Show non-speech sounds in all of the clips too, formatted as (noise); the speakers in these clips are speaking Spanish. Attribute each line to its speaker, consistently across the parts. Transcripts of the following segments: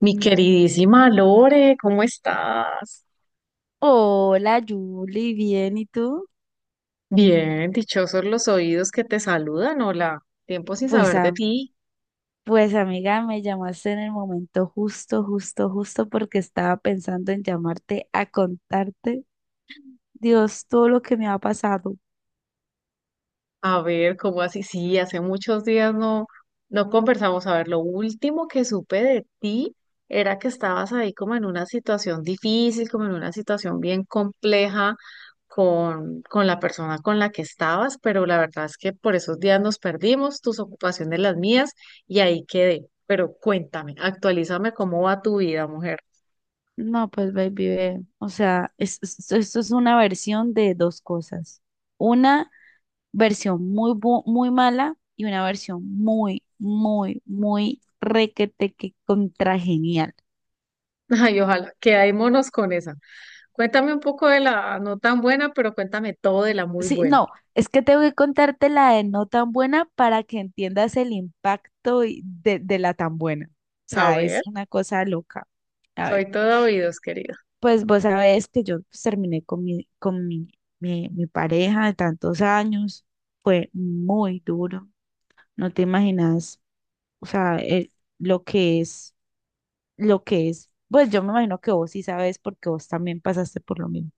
Speaker 1: Mi queridísima Lore, ¿cómo estás?
Speaker 2: Hola, Julie, bien, ¿y tú?
Speaker 1: Bien, dichosos los oídos que te saludan. Hola, tiempo sin
Speaker 2: Pues,
Speaker 1: saber de
Speaker 2: a-
Speaker 1: ti.
Speaker 2: pues amiga, me llamaste en el momento justo, justo, justo porque estaba pensando en llamarte a contarte, Dios, todo lo que me ha pasado.
Speaker 1: A ver, ¿cómo así? Sí, hace muchos días no conversamos. A ver, lo último que supe de ti era que estabas ahí como en una situación difícil, como en una situación bien compleja con la persona con la que estabas, pero la verdad es que por esos días nos perdimos, tus ocupaciones, las mías, y ahí quedé. Pero cuéntame, actualízame cómo va tu vida, mujer.
Speaker 2: No, pues baby, ve, o sea, esto es una versión de dos cosas. Una versión muy mala y una versión muy, muy, muy requete que contra.
Speaker 1: (laughs) Ay, ojalá, quedémonos con esa. Cuéntame un poco de la no tan buena, pero cuéntame todo de la muy
Speaker 2: Sí,
Speaker 1: buena.
Speaker 2: no, es que tengo que contarte la de no tan buena para que entiendas el impacto de la tan buena. O
Speaker 1: A
Speaker 2: sea,
Speaker 1: ver.
Speaker 2: es una cosa loca. A
Speaker 1: Soy
Speaker 2: ver,
Speaker 1: todo oídos, querido.
Speaker 2: pues vos sabés que yo pues, terminé con mi pareja de tantos años. Fue muy duro. No te imaginas, o sea, lo que es, lo que es. Pues yo me imagino que vos sí sabes porque vos también pasaste por lo mismo.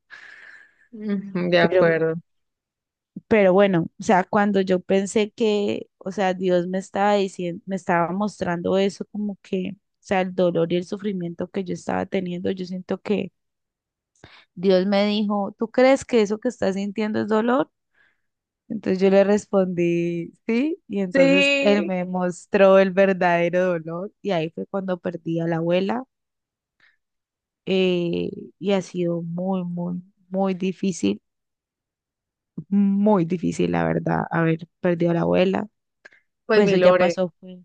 Speaker 1: Ujú, de
Speaker 2: Pero
Speaker 1: acuerdo.
Speaker 2: Pero bueno, o sea, cuando yo pensé que, o sea, Dios me estaba diciendo, me estaba mostrando eso como que, o sea, el dolor y el sufrimiento que yo estaba teniendo, yo siento que Dios me dijo, ¿tú crees que eso que estás sintiendo es dolor? Entonces yo le respondí, sí, y entonces él
Speaker 1: Sí,
Speaker 2: me mostró el verdadero dolor y ahí fue cuando perdí a la abuela, eh, y ha sido muy, muy, muy difícil, muy difícil, la verdad, haber perdido a la abuela.
Speaker 1: pues
Speaker 2: Pues
Speaker 1: mi
Speaker 2: eso ya
Speaker 1: Lore,
Speaker 2: pasó, fue...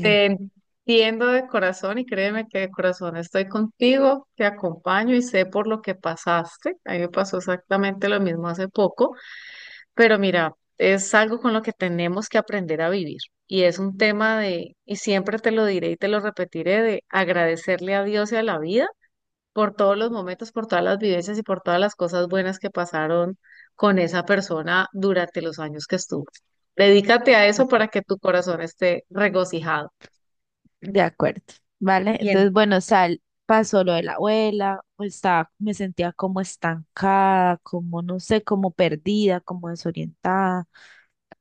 Speaker 1: te entiendo de corazón y créeme que de corazón estoy contigo, te acompaño y sé por lo que pasaste. A mí me pasó exactamente lo mismo hace poco, pero mira, es algo con lo que tenemos que aprender a vivir. Y es un tema de, y siempre te lo diré y te lo repetiré, de agradecerle a Dios y a la vida por todos los momentos, por todas las vivencias y por todas las cosas buenas que pasaron con esa persona durante los años que estuvo. Dedícate a
Speaker 2: De
Speaker 1: eso para
Speaker 2: acuerdo,
Speaker 1: que tu corazón esté regocijado.
Speaker 2: de acuerdo, ¿vale?
Speaker 1: Y en
Speaker 2: Entonces, bueno, sal, pasó lo de la abuela, pues, estaba, me sentía como estancada, como, no sé, como perdida, como desorientada,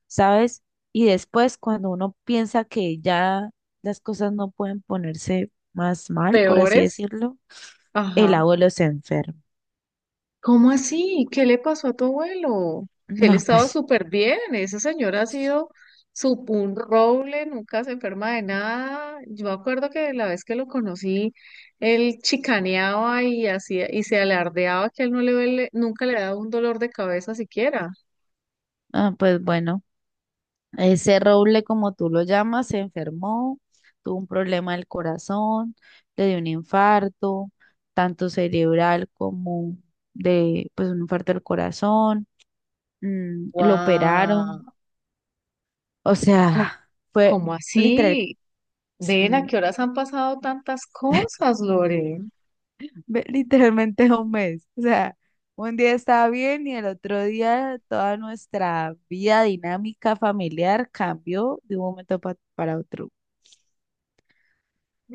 Speaker 2: ¿sabes? Y después, cuando uno piensa que ya las cosas no pueden ponerse más mal, por así
Speaker 1: peores,
Speaker 2: decirlo, el
Speaker 1: ajá.
Speaker 2: abuelo se enferma.
Speaker 1: ¿Cómo así? ¿Qué le pasó a tu abuelo? Él
Speaker 2: No,
Speaker 1: estaba
Speaker 2: pues,
Speaker 1: súper bien, esa señora ha sido un roble, nunca se enferma de nada. Yo me acuerdo que la vez que lo conocí, él chicaneaba y hacía y se alardeaba que él nunca le daba un dolor de cabeza siquiera.
Speaker 2: ah, pues bueno. Ese Roble, como tú lo llamas, se enfermó, tuvo un problema del corazón, le dio un infarto, tanto cerebral como de, pues, un infarto del corazón, lo
Speaker 1: ¡Guau!
Speaker 2: operaron, o
Speaker 1: ¿Cómo,
Speaker 2: sea, fue
Speaker 1: cómo
Speaker 2: literal,
Speaker 1: así? Ven, ¿a
Speaker 2: sí,
Speaker 1: qué horas han pasado tantas cosas, Lore?
Speaker 2: literalmente 1 mes, o sea, un día estaba bien y el otro día toda nuestra vida dinámica familiar cambió de un para otro.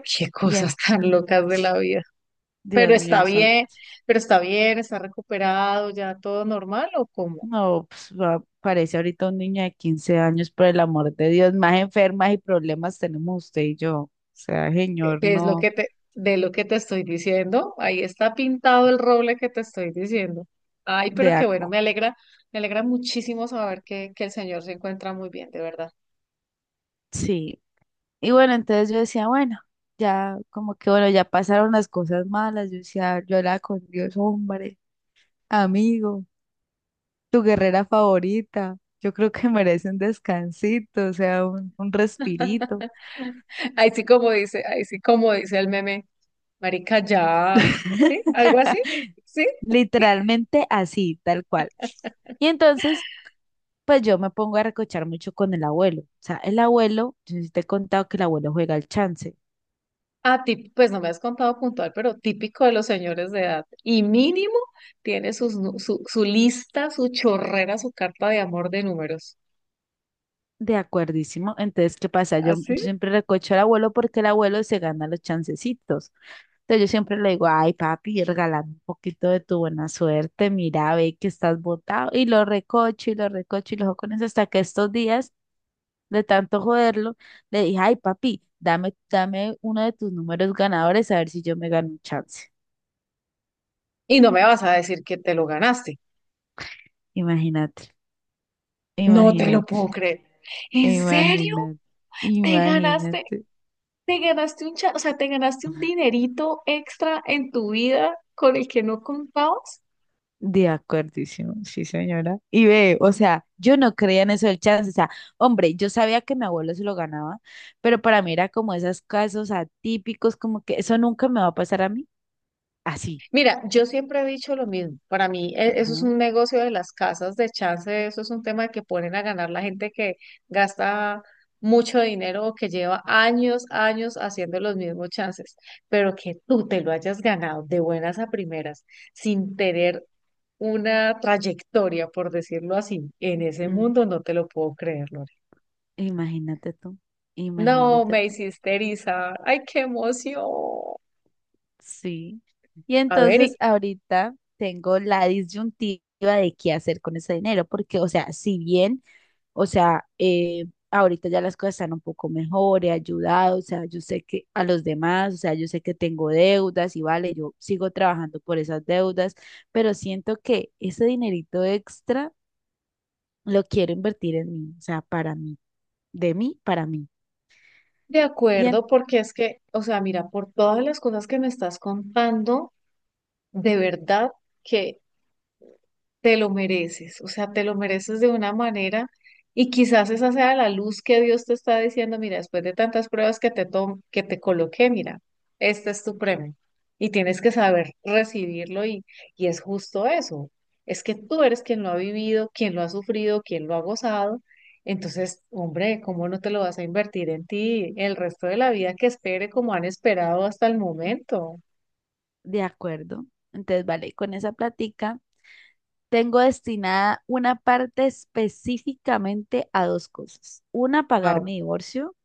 Speaker 1: Qué
Speaker 2: Y
Speaker 1: cosas
Speaker 2: en,
Speaker 1: tan locas de la vida. Pero
Speaker 2: Dios
Speaker 1: está
Speaker 2: mío, santo.
Speaker 1: bien, pero está bien, ¿está recuperado, ya todo normal o cómo?
Speaker 2: No, pues, parece ahorita un niño de 15 años, por el amor de Dios, más enfermas y problemas tenemos usted y yo. O sea, señor,
Speaker 1: Es lo
Speaker 2: no,
Speaker 1: que te, de lo que te estoy diciendo, ahí está pintado el roble que te estoy diciendo. Ay,
Speaker 2: de
Speaker 1: pero qué bueno,
Speaker 2: acu-
Speaker 1: me alegra muchísimo saber que el señor se encuentra muy bien, de verdad.
Speaker 2: sí. Y bueno, entonces yo decía, bueno, ya como que bueno, ya pasaron las cosas malas. Yo decía, yo era con Dios, hombre, amigo, tu guerrera favorita. Yo creo que merece un descansito, o sea, un respirito.
Speaker 1: (laughs) Ahí sí como dice, ahí sí como dice el meme, marica, ya, ¿sí? ¿Algo así?
Speaker 2: (laughs)
Speaker 1: ¿Sí? (laughs)
Speaker 2: Literalmente así, tal cual. Y entonces pues yo me pongo a recochar mucho con el abuelo. O sea, el abuelo, yo sí te he contado que el abuelo juega al chance.
Speaker 1: Ah, pues no me has contado puntual, pero típico de los señores de edad. Y mínimo tiene su lista, su chorrera, su carta de amor de números.
Speaker 2: De acuerdísimo. Entonces, ¿qué pasa? Yo,
Speaker 1: ¿Así?
Speaker 2: yo siempre recocho al abuelo porque el abuelo se gana los chancecitos. Entonces yo siempre le digo, ay papi, regálame un poquito de tu buena suerte, mira, ve que estás botado. Y lo recocho y lo recocho y lo juego con eso hasta que estos días, de tanto joderlo, le dije, ay papi, dame, dame uno de tus números ganadores a ver si yo me gano un chance.
Speaker 1: Y no me vas a decir que te lo ganaste.
Speaker 2: Imagínate,
Speaker 1: No te lo puedo
Speaker 2: imagínate.
Speaker 1: creer. ¿En serio?
Speaker 2: Imagínate,
Speaker 1: ¿Te ganaste?
Speaker 2: imagínate.
Speaker 1: O sea, te ganaste un dinerito extra en tu vida con el que no contabas?
Speaker 2: De acuerdísimo, sí, señora. Y ve, o sea, yo no creía en eso del chance. O sea, hombre, yo sabía que mi abuelo se lo ganaba, pero para mí era como esos casos atípicos, como que eso nunca me va a pasar a mí. Así.
Speaker 1: Mira, yo siempre he dicho lo mismo. Para mí, eso es
Speaker 2: Ajá.
Speaker 1: un negocio de las casas de chance, eso es un tema de que ponen a ganar la gente que gasta mucho dinero o que lleva años, años haciendo los mismos chances. Pero que tú te lo hayas ganado de buenas a primeras, sin tener una trayectoria, por decirlo así, en ese
Speaker 2: Mm,
Speaker 1: mundo, no te lo puedo creer, Lore.
Speaker 2: imagínate tú,
Speaker 1: No,
Speaker 2: imagínate
Speaker 1: me
Speaker 2: tú.
Speaker 1: hiciste erizar. ¡Ay, qué emoción!
Speaker 2: Sí. Y
Speaker 1: A ver, ¿y,
Speaker 2: entonces ahorita tengo la disyuntiva de qué hacer con ese dinero, porque, o sea, si bien... O sea, ahorita ya las cosas están un poco mejor, he ayudado, o sea, yo sé que a los demás, o sea, yo sé que tengo deudas y vale, yo sigo trabajando por esas deudas, pero siento que ese dinerito extra lo quiero invertir en mí, o sea, para mí, de mí, para mí.
Speaker 1: de
Speaker 2: Bien,
Speaker 1: acuerdo, porque es que, o sea, mira, por todas las cosas que me estás contando, de verdad que te lo mereces, o sea, te lo mereces de una manera y quizás esa sea la luz que Dios te está diciendo, mira, después de tantas pruebas que que te coloqué, mira, este es tu premio y tienes que saber recibirlo y es justo eso, es que tú eres quien lo ha vivido, quien lo ha sufrido, quien lo ha gozado, entonces, hombre, ¿cómo no te lo vas a invertir en ti el resto de la vida que espere como han esperado hasta el momento?
Speaker 2: de acuerdo. Entonces, vale, con esa plática tengo destinada una parte específicamente a dos cosas. Una, pagar mi divorcio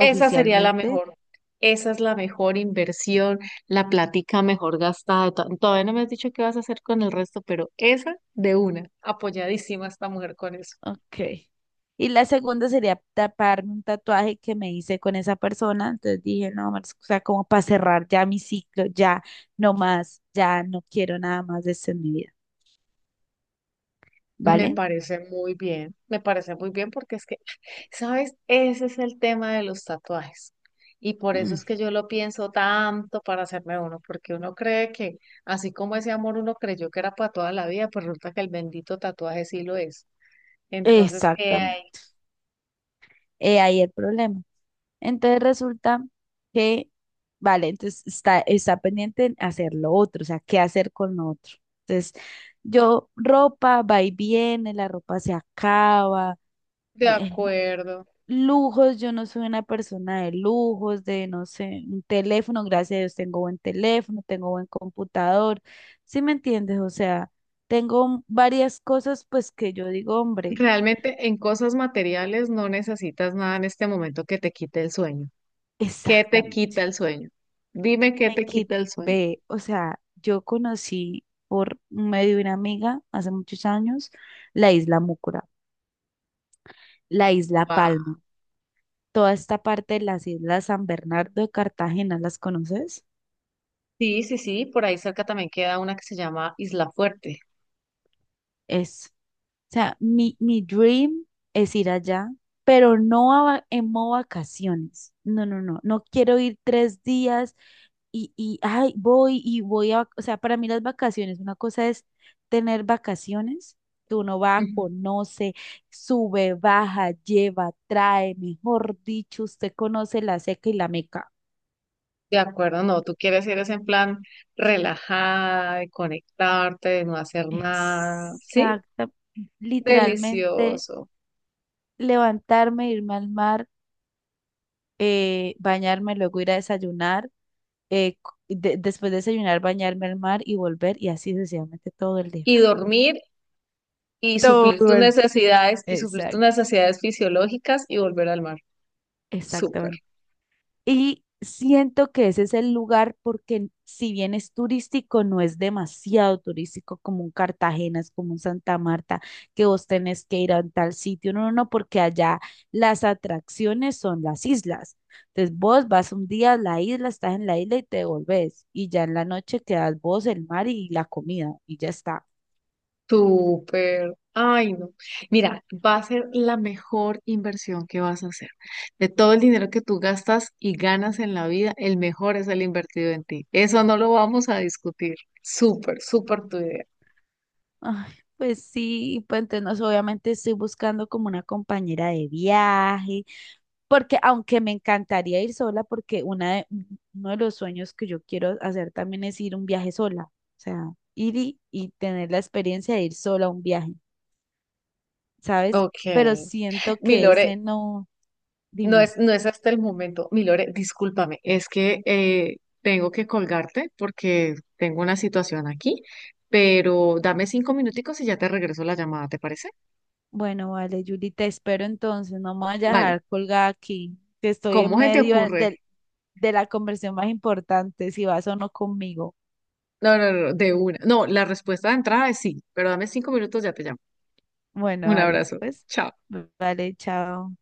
Speaker 1: Esa sería la mejor. Esa es la mejor inversión, la plática mejor gastada. Todavía no me has dicho qué vas a hacer con el resto, pero esa de una, apoyadísima esta mujer con eso.
Speaker 2: Ok. Y la segunda sería taparme un tatuaje que me hice con esa persona. Entonces dije, no, Marce, o sea, como para cerrar ya mi ciclo, ya no más, ya no quiero nada más de esto en mi vida,
Speaker 1: Me
Speaker 2: ¿vale?
Speaker 1: parece muy bien, me parece muy bien porque es que, ¿sabes? Ese es el tema de los tatuajes. Y por eso
Speaker 2: Mm,
Speaker 1: es que yo lo pienso tanto para hacerme uno, porque uno cree que, así como ese amor uno creyó que era para toda la vida, pues resulta que el bendito tatuaje sí lo es. Entonces, ahí,
Speaker 2: exactamente. He ahí el problema. Entonces resulta que, vale, entonces está, está pendiente en hacer lo otro, o sea, qué hacer con lo otro. Entonces, yo, ropa va y viene, la ropa se acaba.
Speaker 1: de
Speaker 2: (laughs)
Speaker 1: acuerdo.
Speaker 2: Lujos, yo no soy una persona de lujos, de no sé, un teléfono, gracias a Dios tengo buen teléfono, tengo buen computador, ¿sí me entiendes? O sea, tengo varias cosas pues que yo digo, hombre,
Speaker 1: Realmente en cosas materiales no necesitas nada en este momento que te quite el sueño. ¿Qué te quita
Speaker 2: exactamente,
Speaker 1: el sueño? Dime qué te quita el sueño.
Speaker 2: ve, o sea, yo conocí por medio de una amiga hace muchos años la isla Mucura, la isla
Speaker 1: Guau.
Speaker 2: Palma, toda esta parte de las islas San Bernardo de Cartagena, ¿las conoces?
Speaker 1: Sí, sí, sí, por ahí cerca también queda una que se llama Isla Fuerte.
Speaker 2: Es... O sea, mi dream es ir allá, pero no a va- en modo vacaciones. No, no, no. No quiero ir 3 días ay, voy y voy a, o sea, para mí las vacaciones, una cosa es tener vacaciones, que uno va,
Speaker 1: Ujú.
Speaker 2: conoce, sube, baja, lleva, trae, mejor dicho, usted conoce la seca y la meca.
Speaker 1: De acuerdo, no, tú quieres ir es en plan relajada, de conectarte, de no hacer nada, ¿sí?
Speaker 2: Exacta, literalmente
Speaker 1: Delicioso.
Speaker 2: levantarme, irme al mar, bañarme, luego ir a desayunar, eh, después de desayunar, bañarme al mar y volver y así sucesivamente todo el día.
Speaker 1: Y dormir y
Speaker 2: Todo
Speaker 1: suplir tus
Speaker 2: el...
Speaker 1: necesidades y suplir tus
Speaker 2: Exacto.
Speaker 1: necesidades fisiológicas y volver al mar. Súper.
Speaker 2: Exactamente. Y siento que ese es el lugar porque si bien es turístico, no es demasiado turístico como un Cartagena, es como un Santa Marta, que vos tenés que ir a un tal sitio. No, no, no, porque allá las atracciones son las islas. Entonces vos vas un día a la isla, estás en la isla y te volvés. Y ya en la noche quedas vos, el mar y la comida y ya está.
Speaker 1: Súper. Ay, no. Mira, va a ser la mejor inversión que vas a hacer. De todo el dinero que tú gastas y ganas en la vida, el mejor es el invertido en ti. Eso no lo vamos a discutir. Súper, súper tu idea.
Speaker 2: Ay, pues sí, y pues entonces no sé, obviamente estoy buscando como una compañera de viaje, porque aunque me encantaría ir sola, porque uno de los sueños que yo quiero hacer también es ir un viaje sola, o sea, ir y tener la experiencia de ir sola a un viaje, ¿sabes?
Speaker 1: Ok.
Speaker 2: Pero siento
Speaker 1: Mi
Speaker 2: que
Speaker 1: Lore,
Speaker 2: ese no,
Speaker 1: no es,
Speaker 2: dime,
Speaker 1: no es hasta el momento. Mi Lore, discúlpame, es que tengo que colgarte porque tengo una situación aquí, pero dame 5 minuticos y ya te regreso la llamada, ¿te parece?
Speaker 2: bueno, vale, Yuli, te espero entonces, no me voy a
Speaker 1: Vale.
Speaker 2: dejar colgada aquí, que estoy en
Speaker 1: ¿Cómo se te
Speaker 2: medio
Speaker 1: ocurre?
Speaker 2: de la conversión más importante, si vas o no conmigo.
Speaker 1: No, no, no, de una. No, la respuesta de entrada es sí, pero dame 5 minutos, ya te llamo.
Speaker 2: Bueno,
Speaker 1: Un
Speaker 2: vale,
Speaker 1: abrazo.
Speaker 2: pues,
Speaker 1: Chao.
Speaker 2: vale, chao.